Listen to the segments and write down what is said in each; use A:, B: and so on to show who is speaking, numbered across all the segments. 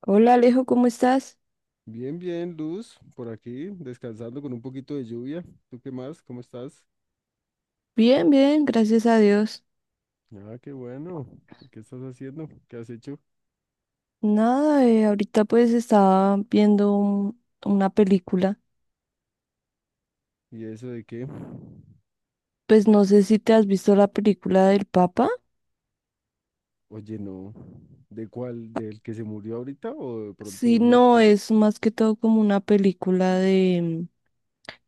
A: Hola Alejo, ¿cómo estás?
B: Bien, bien, Luz, por aquí, descansando con un poquito de lluvia. ¿Tú qué más? ¿Cómo estás?
A: Bien, bien, gracias a Dios.
B: Ah, qué bueno. ¿Qué estás haciendo? ¿Qué has hecho?
A: Nada, ahorita pues estaba viendo una película.
B: ¿Y eso de qué?
A: Pues no sé si te has visto la película del Papa.
B: Oye, no. ¿De cuál? ¿Del que se murió ahorita o de pronto de
A: Sí,
B: uno
A: no,
B: anterior?
A: es más que todo como una película de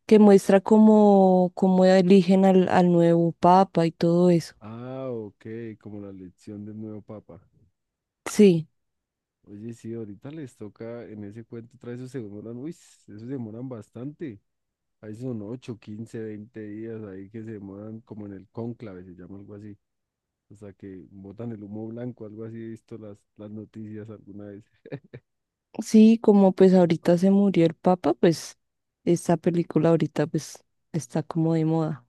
A: que muestra cómo, cómo eligen al, al nuevo Papa y todo eso.
B: Ah, ok, como la elección del nuevo papa.
A: Sí,
B: Oye, sí, ahorita les toca en ese cuento, trae esos se demoran, uy, esos se demoran bastante. Ahí son 8, 15, 20 días ahí que se demoran como en el cónclave, se llama algo así. O sea, que botan el humo blanco, algo así he visto las noticias alguna vez.
A: sí, como pues ahorita se murió el Papa, pues esta película ahorita pues está como de moda.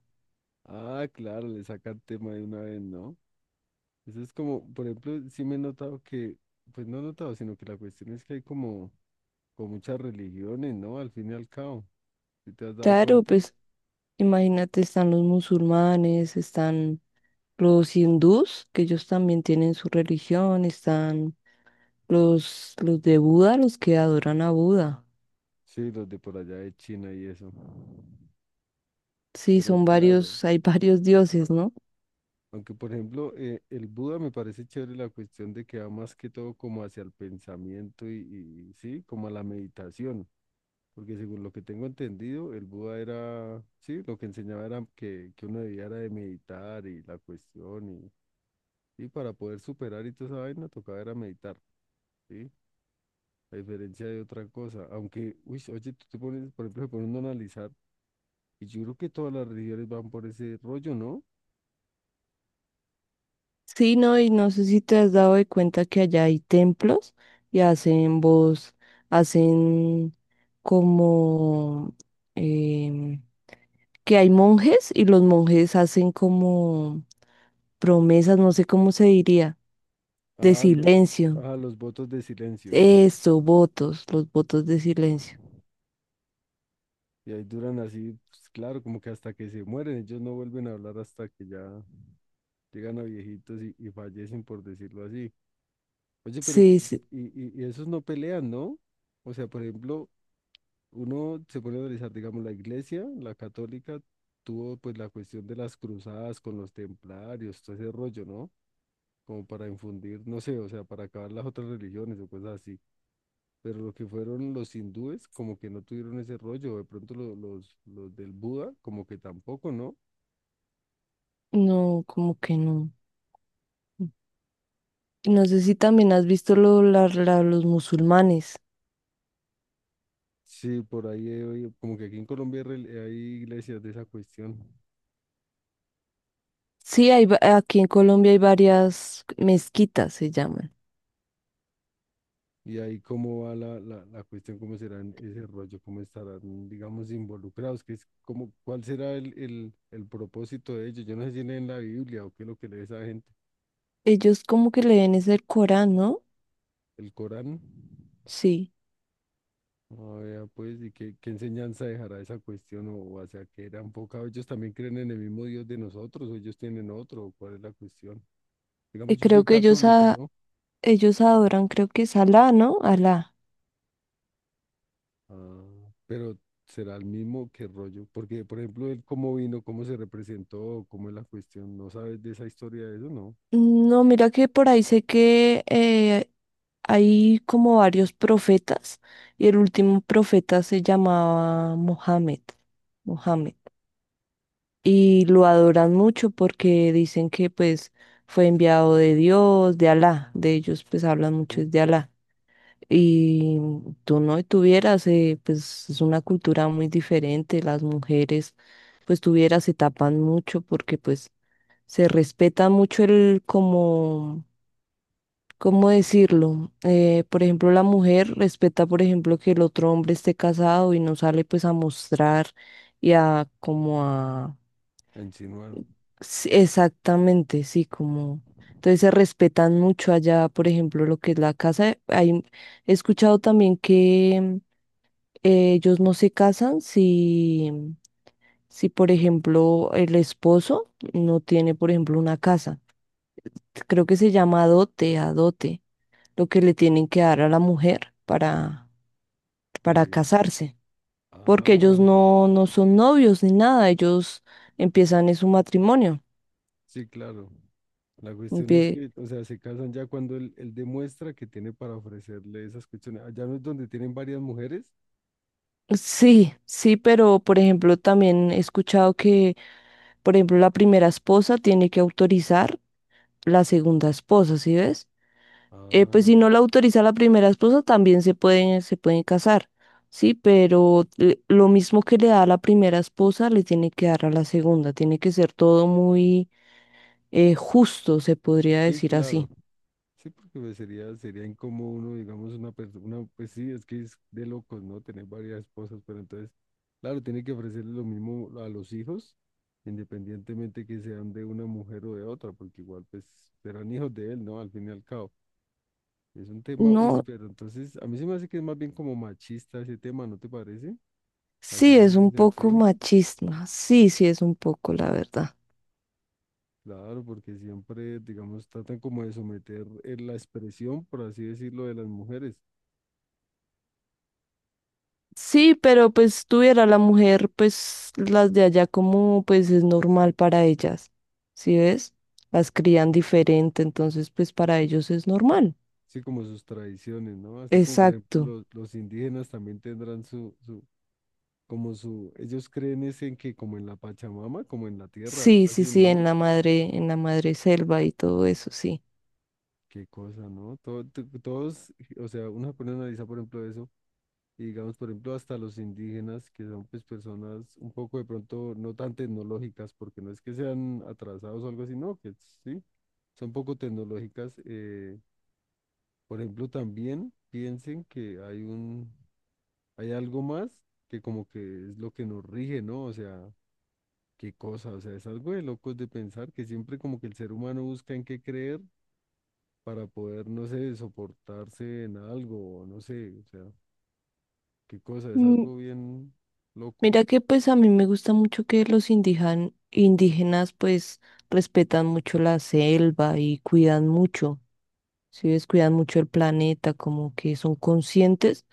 B: Ah, claro, le sacan tema de una vez, ¿no? Eso es como, por ejemplo, sí me he notado que, pues no he notado, sino que la cuestión es que hay como, con muchas religiones, ¿no? Al fin y al cabo, ¿sí te has dado
A: Claro,
B: cuenta?
A: pues. Imagínate, están los musulmanes, están los hindús, que ellos también tienen su religión, están los de Buda, los que adoran a Buda.
B: Sí, los de por allá de China y eso.
A: Sí,
B: Pero
A: son
B: claro,
A: varios, hay varios dioses, ¿no?
B: aunque por ejemplo el Buda me parece chévere la cuestión de que va más que todo como hacia el pensamiento y sí, como a la meditación. Porque según lo que tengo entendido, el Buda era, sí, lo que enseñaba era que uno debía era de meditar y la cuestión y para poder superar y toda esa vaina tocaba era meditar, ¿sí? A diferencia de otra cosa. Aunque, uy, oye, tú te pones, por ejemplo, se pone uno a analizar y yo creo que todas las religiones van por ese rollo, ¿no?
A: Sí, no, y no sé si te has dado de cuenta que allá hay templos y hacen voz, hacen como em, que hay monjes y los monjes hacen como promesas, no sé cómo se diría, de
B: A, lo-
A: silencio.
B: a los votos de silencio.
A: Eso, votos, los votos de silencio.
B: Y ahí duran así, pues, claro, como que hasta que se mueren, ellos no vuelven a hablar hasta que ya llegan a viejitos y fallecen, por decirlo así. Oye, pero
A: Sí, sí,
B: y esos no pelean, ¿no? O sea, por ejemplo, uno se pone a analizar, digamos, la iglesia, la católica, tuvo pues la cuestión de las cruzadas con los templarios, todo ese rollo, ¿no? Como para infundir, no sé, o sea, para acabar las otras religiones o cosas así. Pero lo que fueron los hindúes, como que no tuvieron ese rollo, o de pronto los del Buda, como que tampoco, ¿no?
A: no, como que no. No sé si también has visto los musulmanes.
B: Sí, por ahí, he oído, como que aquí en Colombia hay iglesias de esa cuestión.
A: Sí, hay, va- aquí en Colombia hay varias mezquitas, se llaman.
B: Y ahí cómo va la cuestión, cómo serán ese rollo, cómo estarán, digamos, involucrados, que es como, cuál será el propósito de ellos. Yo no sé si leen la Biblia o qué es lo que lee esa gente,
A: Ellos como que leen es el Corán, ¿no?
B: el Corán.
A: Sí.
B: Ah, vea, pues, y qué enseñanza dejará esa cuestión, o hacia qué era enfocado. ¿Ellos también creen en el mismo Dios de nosotros, o ellos tienen otro, o cuál es la cuestión? Digamos,
A: Y
B: yo
A: creo
B: soy
A: que ellos,
B: católico,
A: a,
B: ¿no?
A: ellos adoran, creo que es Alá, ¿no? Alá.
B: Ah, pero será el mismo que rollo, porque por ejemplo, él cómo vino, cómo se representó, cómo es la cuestión, no sabes de esa historia de eso, ¿no?
A: No, mira que por ahí sé que hay como varios profetas y el último profeta se llamaba Mohammed, Mohammed. Y lo adoran mucho porque dicen que pues fue enviado de Dios, de Alá. De ellos pues hablan mucho
B: Sí.
A: es de Alá. Y tú no tuvieras, pues es una cultura muy diferente. Las mujeres pues tuvieras se tapan mucho porque pues se respeta mucho el como ¿cómo decirlo? Por ejemplo, la mujer respeta, por ejemplo, que el otro hombre esté casado y no sale pues a mostrar y a como a...
B: A insinuar.
A: Sí, exactamente, sí, como... Entonces se respetan mucho allá, por ejemplo, lo que es la casa. Hay... He escuchado también que ellos no se casan si, si, por ejemplo, el esposo no tiene, por ejemplo, una casa. Creo que se llama dote, adote, lo que le tienen que dar a la mujer para
B: Sí.
A: casarse, porque ellos
B: Ah,
A: no, no son novios ni nada, ellos empiezan en su matrimonio.
B: sí, claro. La cuestión es
A: Empie-
B: que, o sea, se casan ya cuando él demuestra que tiene para ofrecerle esas cuestiones. Allá no es donde tienen varias mujeres.
A: sí, sí, pero por ejemplo también he escuchado que, por ejemplo, la primera esposa tiene que autorizar la segunda esposa, ¿sí ves? Pues si
B: Ah,
A: no la autoriza la primera esposa, también se pueden casar, ¿sí? Pero le- lo mismo que le da a la primera esposa, le tiene que dar a la segunda, tiene que ser todo muy justo, se podría
B: sí,
A: decir
B: claro.
A: así.
B: Sí, porque pues, sería incómodo uno, digamos, una persona, pues sí, es que es de locos, ¿no? Tener varias esposas, pero entonces, claro, tiene que ofrecerle lo mismo a los hijos, independientemente que sean de una mujer o de otra, porque igual, pues, serán hijos de él, ¿no? Al fin y al cabo. Es un tema, uy,
A: No,
B: pero entonces, a mí se me hace que es más bien como machista ese tema, ¿no te parece? Así
A: sí
B: en
A: es
B: ese
A: un poco
B: sentido.
A: machista, sí, sí es un poco, la verdad.
B: Claro, porque siempre, digamos, tratan como de someter la expresión, por así decirlo, de las mujeres.
A: Sí, pero pues tuviera la mujer, pues las de allá como pues es normal para ellas, ¿sí ves? Las crían diferente, entonces pues para ellos es normal.
B: Sí, como sus tradiciones, ¿no? Así como por ejemplo
A: Exacto.
B: los indígenas también tendrán su, ellos creen es en que como en la Pachamama, como en la tierra,
A: Sí,
B: algo
A: sí,
B: así,
A: sí,
B: ¿no?
A: en la madre selva y todo eso, sí.
B: Qué cosa, ¿no? Todos, o sea, uno se pone a analizar por ejemplo eso, y digamos por ejemplo hasta los indígenas, que son pues personas un poco de pronto no tan tecnológicas, porque no es que sean atrasados o algo así, no, que sí, son poco tecnológicas. Por ejemplo, también piensen que hay algo más que como que es lo que nos rige, ¿no? O sea, qué cosa, o sea, es algo de locos de pensar que siempre como que el ser humano busca en qué creer para poder, no sé, soportarse en algo, o no sé, o sea, qué cosa, es algo bien loco.
A: Mira que pues a mí me gusta mucho que los indígenas pues respetan mucho la selva y cuidan mucho, si ves, cuidan mucho el planeta, como que son conscientes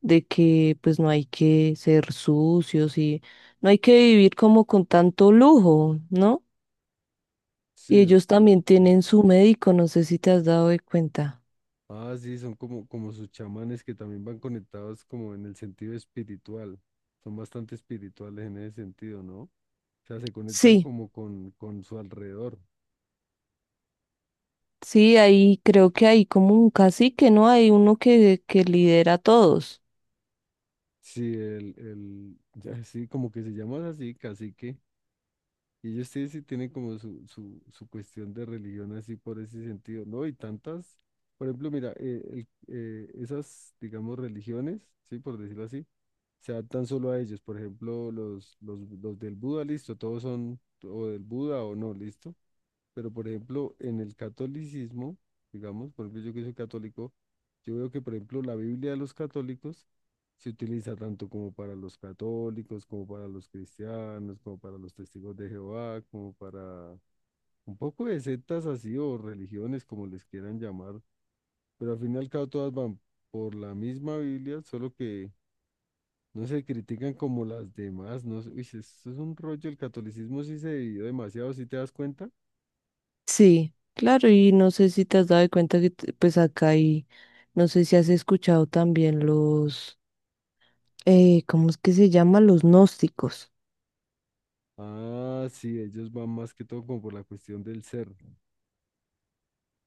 A: de que pues no hay que ser sucios y no hay que vivir como con tanto lujo, ¿no?
B: Sí,
A: Y ellos
B: después,
A: también
B: ¿no?
A: tienen su médico, no sé si te has dado de cuenta.
B: Ah, sí, son como sus chamanes que también van conectados como en el sentido espiritual. Son bastante espirituales en ese sentido, ¿no? O sea, se conectan
A: Sí,
B: como con su alrededor.
A: sí, ahí creo que hay como un cacique, ¿no? Hay uno que lidera a todos.
B: Sí, ya sí, como que se llaman así, cacique. Y ellos sí, sí tienen como su cuestión de religión así por ese sentido, ¿no? Y tantas, por ejemplo, mira, esas, digamos, religiones, sí, por decirlo así, se adaptan solo a ellos. Por ejemplo, los del Buda, listo, todos son o del Buda o no, listo. Pero, por ejemplo, en el catolicismo, digamos, por ejemplo, yo que soy católico, yo veo que, por ejemplo, la Biblia de los católicos se utiliza tanto como para los católicos, como para los cristianos, como para los testigos de Jehová, como para un poco de sectas así o religiones, como les quieran llamar. Pero al fin y al cabo todas van por la misma Biblia, solo que no se critican como las demás. No, sé, uy, si eso es un rollo. El catolicismo sí se dividió demasiado. ¿Si te das cuenta?
A: Sí, claro, y no sé si te has dado cuenta que t- pues acá hay, no sé si has escuchado también ¿cómo es que se llama? Los gnósticos.
B: Ah, sí, ellos van más que todo como por la cuestión del ser,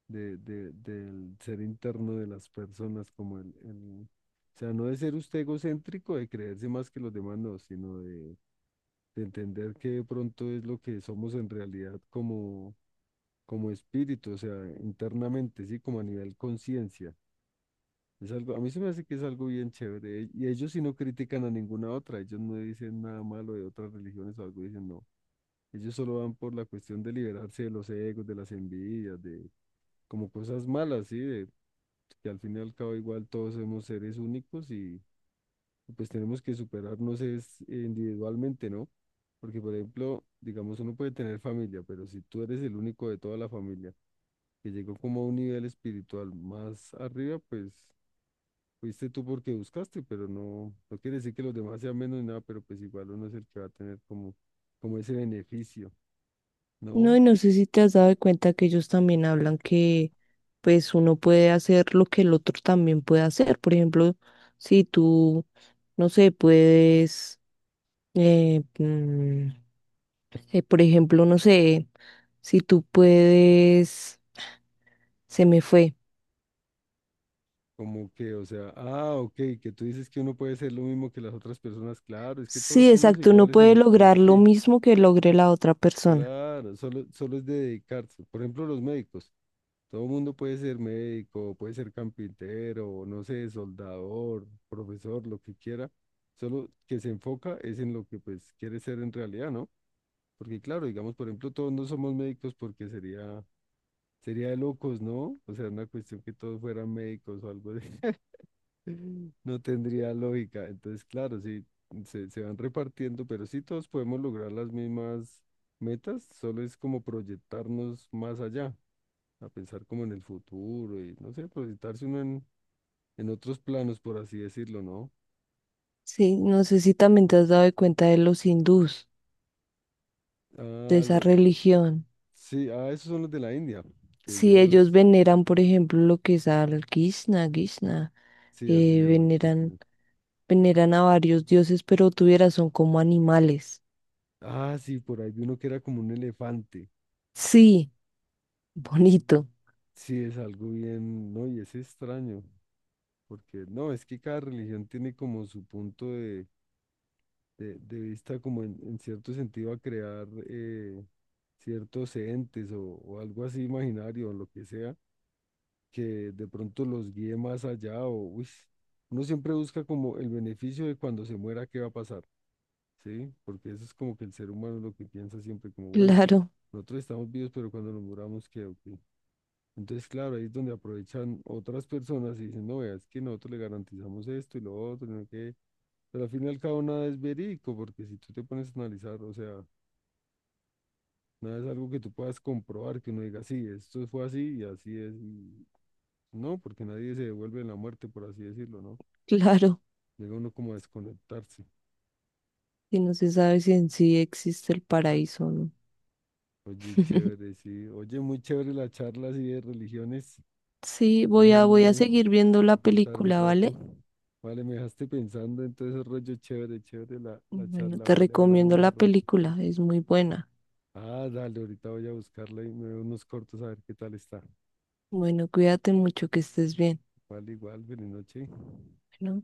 B: del ser interno de las personas, como o sea, no de ser usted egocéntrico, de creerse más que los demás, no, sino de entender que de pronto es lo que somos en realidad como espíritu, o sea, internamente, sí, como a nivel conciencia. Es algo, a mí se me hace que es algo bien chévere. Y ellos sí no critican a ninguna otra, ellos no dicen nada malo de otras religiones o algo, dicen no. Ellos solo van por la cuestión de liberarse de los egos, de las envidias, de como cosas malas, ¿sí? De, que al fin y al cabo igual todos somos seres únicos y pues tenemos que superarnos es individualmente, ¿no? Porque por ejemplo, digamos, uno puede tener familia, pero si tú eres el único de toda la familia que llegó como a un nivel espiritual más arriba, pues fuiste tú porque buscaste, pero no, no quiere decir que los demás sean menos ni nada, pero pues igual uno es el que va a tener como ese beneficio,
A: No, y
B: ¿no?
A: no sé si te has dado cuenta que ellos también hablan que pues uno puede hacer lo que el otro también puede hacer. Por ejemplo, si tú, no sé, puedes, eh, mm, por ejemplo, no sé, si tú puedes, se me fue.
B: Como que, o sea, ah, ok, que tú dices que uno puede ser lo mismo que las otras personas, claro, es que todos
A: Sí,
B: somos
A: exacto, uno
B: iguales
A: puede
B: en
A: lograr lo
B: sí,
A: mismo que logre la otra persona.
B: claro, solo, solo es de dedicarse. Por ejemplo, los médicos, todo el mundo puede ser médico, puede ser carpintero, no sé, soldador, profesor, lo que quiera, solo que se enfoca es en lo que pues quiere ser en realidad, ¿no? Porque claro, digamos, por ejemplo, todos no somos médicos porque sería de locos, ¿no? O sea, una cuestión que todos fueran médicos o algo de. No tendría lógica. Entonces, claro, sí, se van repartiendo, pero sí todos podemos lograr las mismas metas, solo es como proyectarnos más allá, a pensar como en el futuro y, no sé, proyectarse uno en otros planos, por así decirlo, ¿no?
A: Sí, no sé si también te has dado de cuenta de los hindús, de
B: Ah,
A: esa
B: los,
A: religión.
B: sí, ah, esos son los de la India, que
A: Si ellos
B: ellos,
A: veneran, por ejemplo, lo que es al Krishna, Krishna,
B: sí, así se
A: eh,
B: llaman.
A: veneran,
B: Islas.
A: veneran a varios dioses, pero tuvieras son como animales.
B: Ah, sí, por ahí vi uno que era como un elefante.
A: Sí, bonito.
B: Sí, es algo bien, no, y es extraño. Porque no, es que cada religión tiene como su punto de vista, como en cierto sentido a crear ciertos entes o algo así imaginario, o lo que sea, que de pronto los guíe más allá o, uy, uno siempre busca como el beneficio de cuando se muera, qué va a pasar, ¿sí? Porque eso es como que el ser humano lo que piensa siempre, como, bueno,
A: Claro,
B: nosotros estamos vivos, pero cuando nos muramos, ¿qué? ¿O qué? Entonces, claro, ahí es donde aprovechan otras personas y dicen, no, vea, es que nosotros le garantizamos esto y lo otro, y no sé qué. Pero al fin y al cabo nada es verídico, porque si tú te pones a analizar, o sea, nada es algo que tú puedas comprobar, que uno diga, sí, esto fue así y así es. Y no, porque nadie se devuelve en la muerte, por así decirlo, ¿no?
A: claro.
B: Llega uno como a desconectarse.
A: Y no se sabe si en sí existe el paraíso o no.
B: Oye, chévere, sí. Oye, muy chévere la charla así de religiones.
A: Sí,
B: Fue
A: voy a
B: genial
A: seguir viendo la
B: pensar un
A: película,
B: rato.
A: ¿vale?
B: Vale, me dejaste pensando, entonces rollo chévere, chévere la
A: Bueno,
B: charla,
A: te
B: vale, hablamos
A: recomiendo la
B: más rato.
A: película, es muy buena.
B: Ah, dale, ahorita voy a buscarla y me veo unos cortos a ver qué tal está.
A: Bueno, cuídate mucho, que estés bien.
B: Igual, igual, buenas noches.
A: Bueno.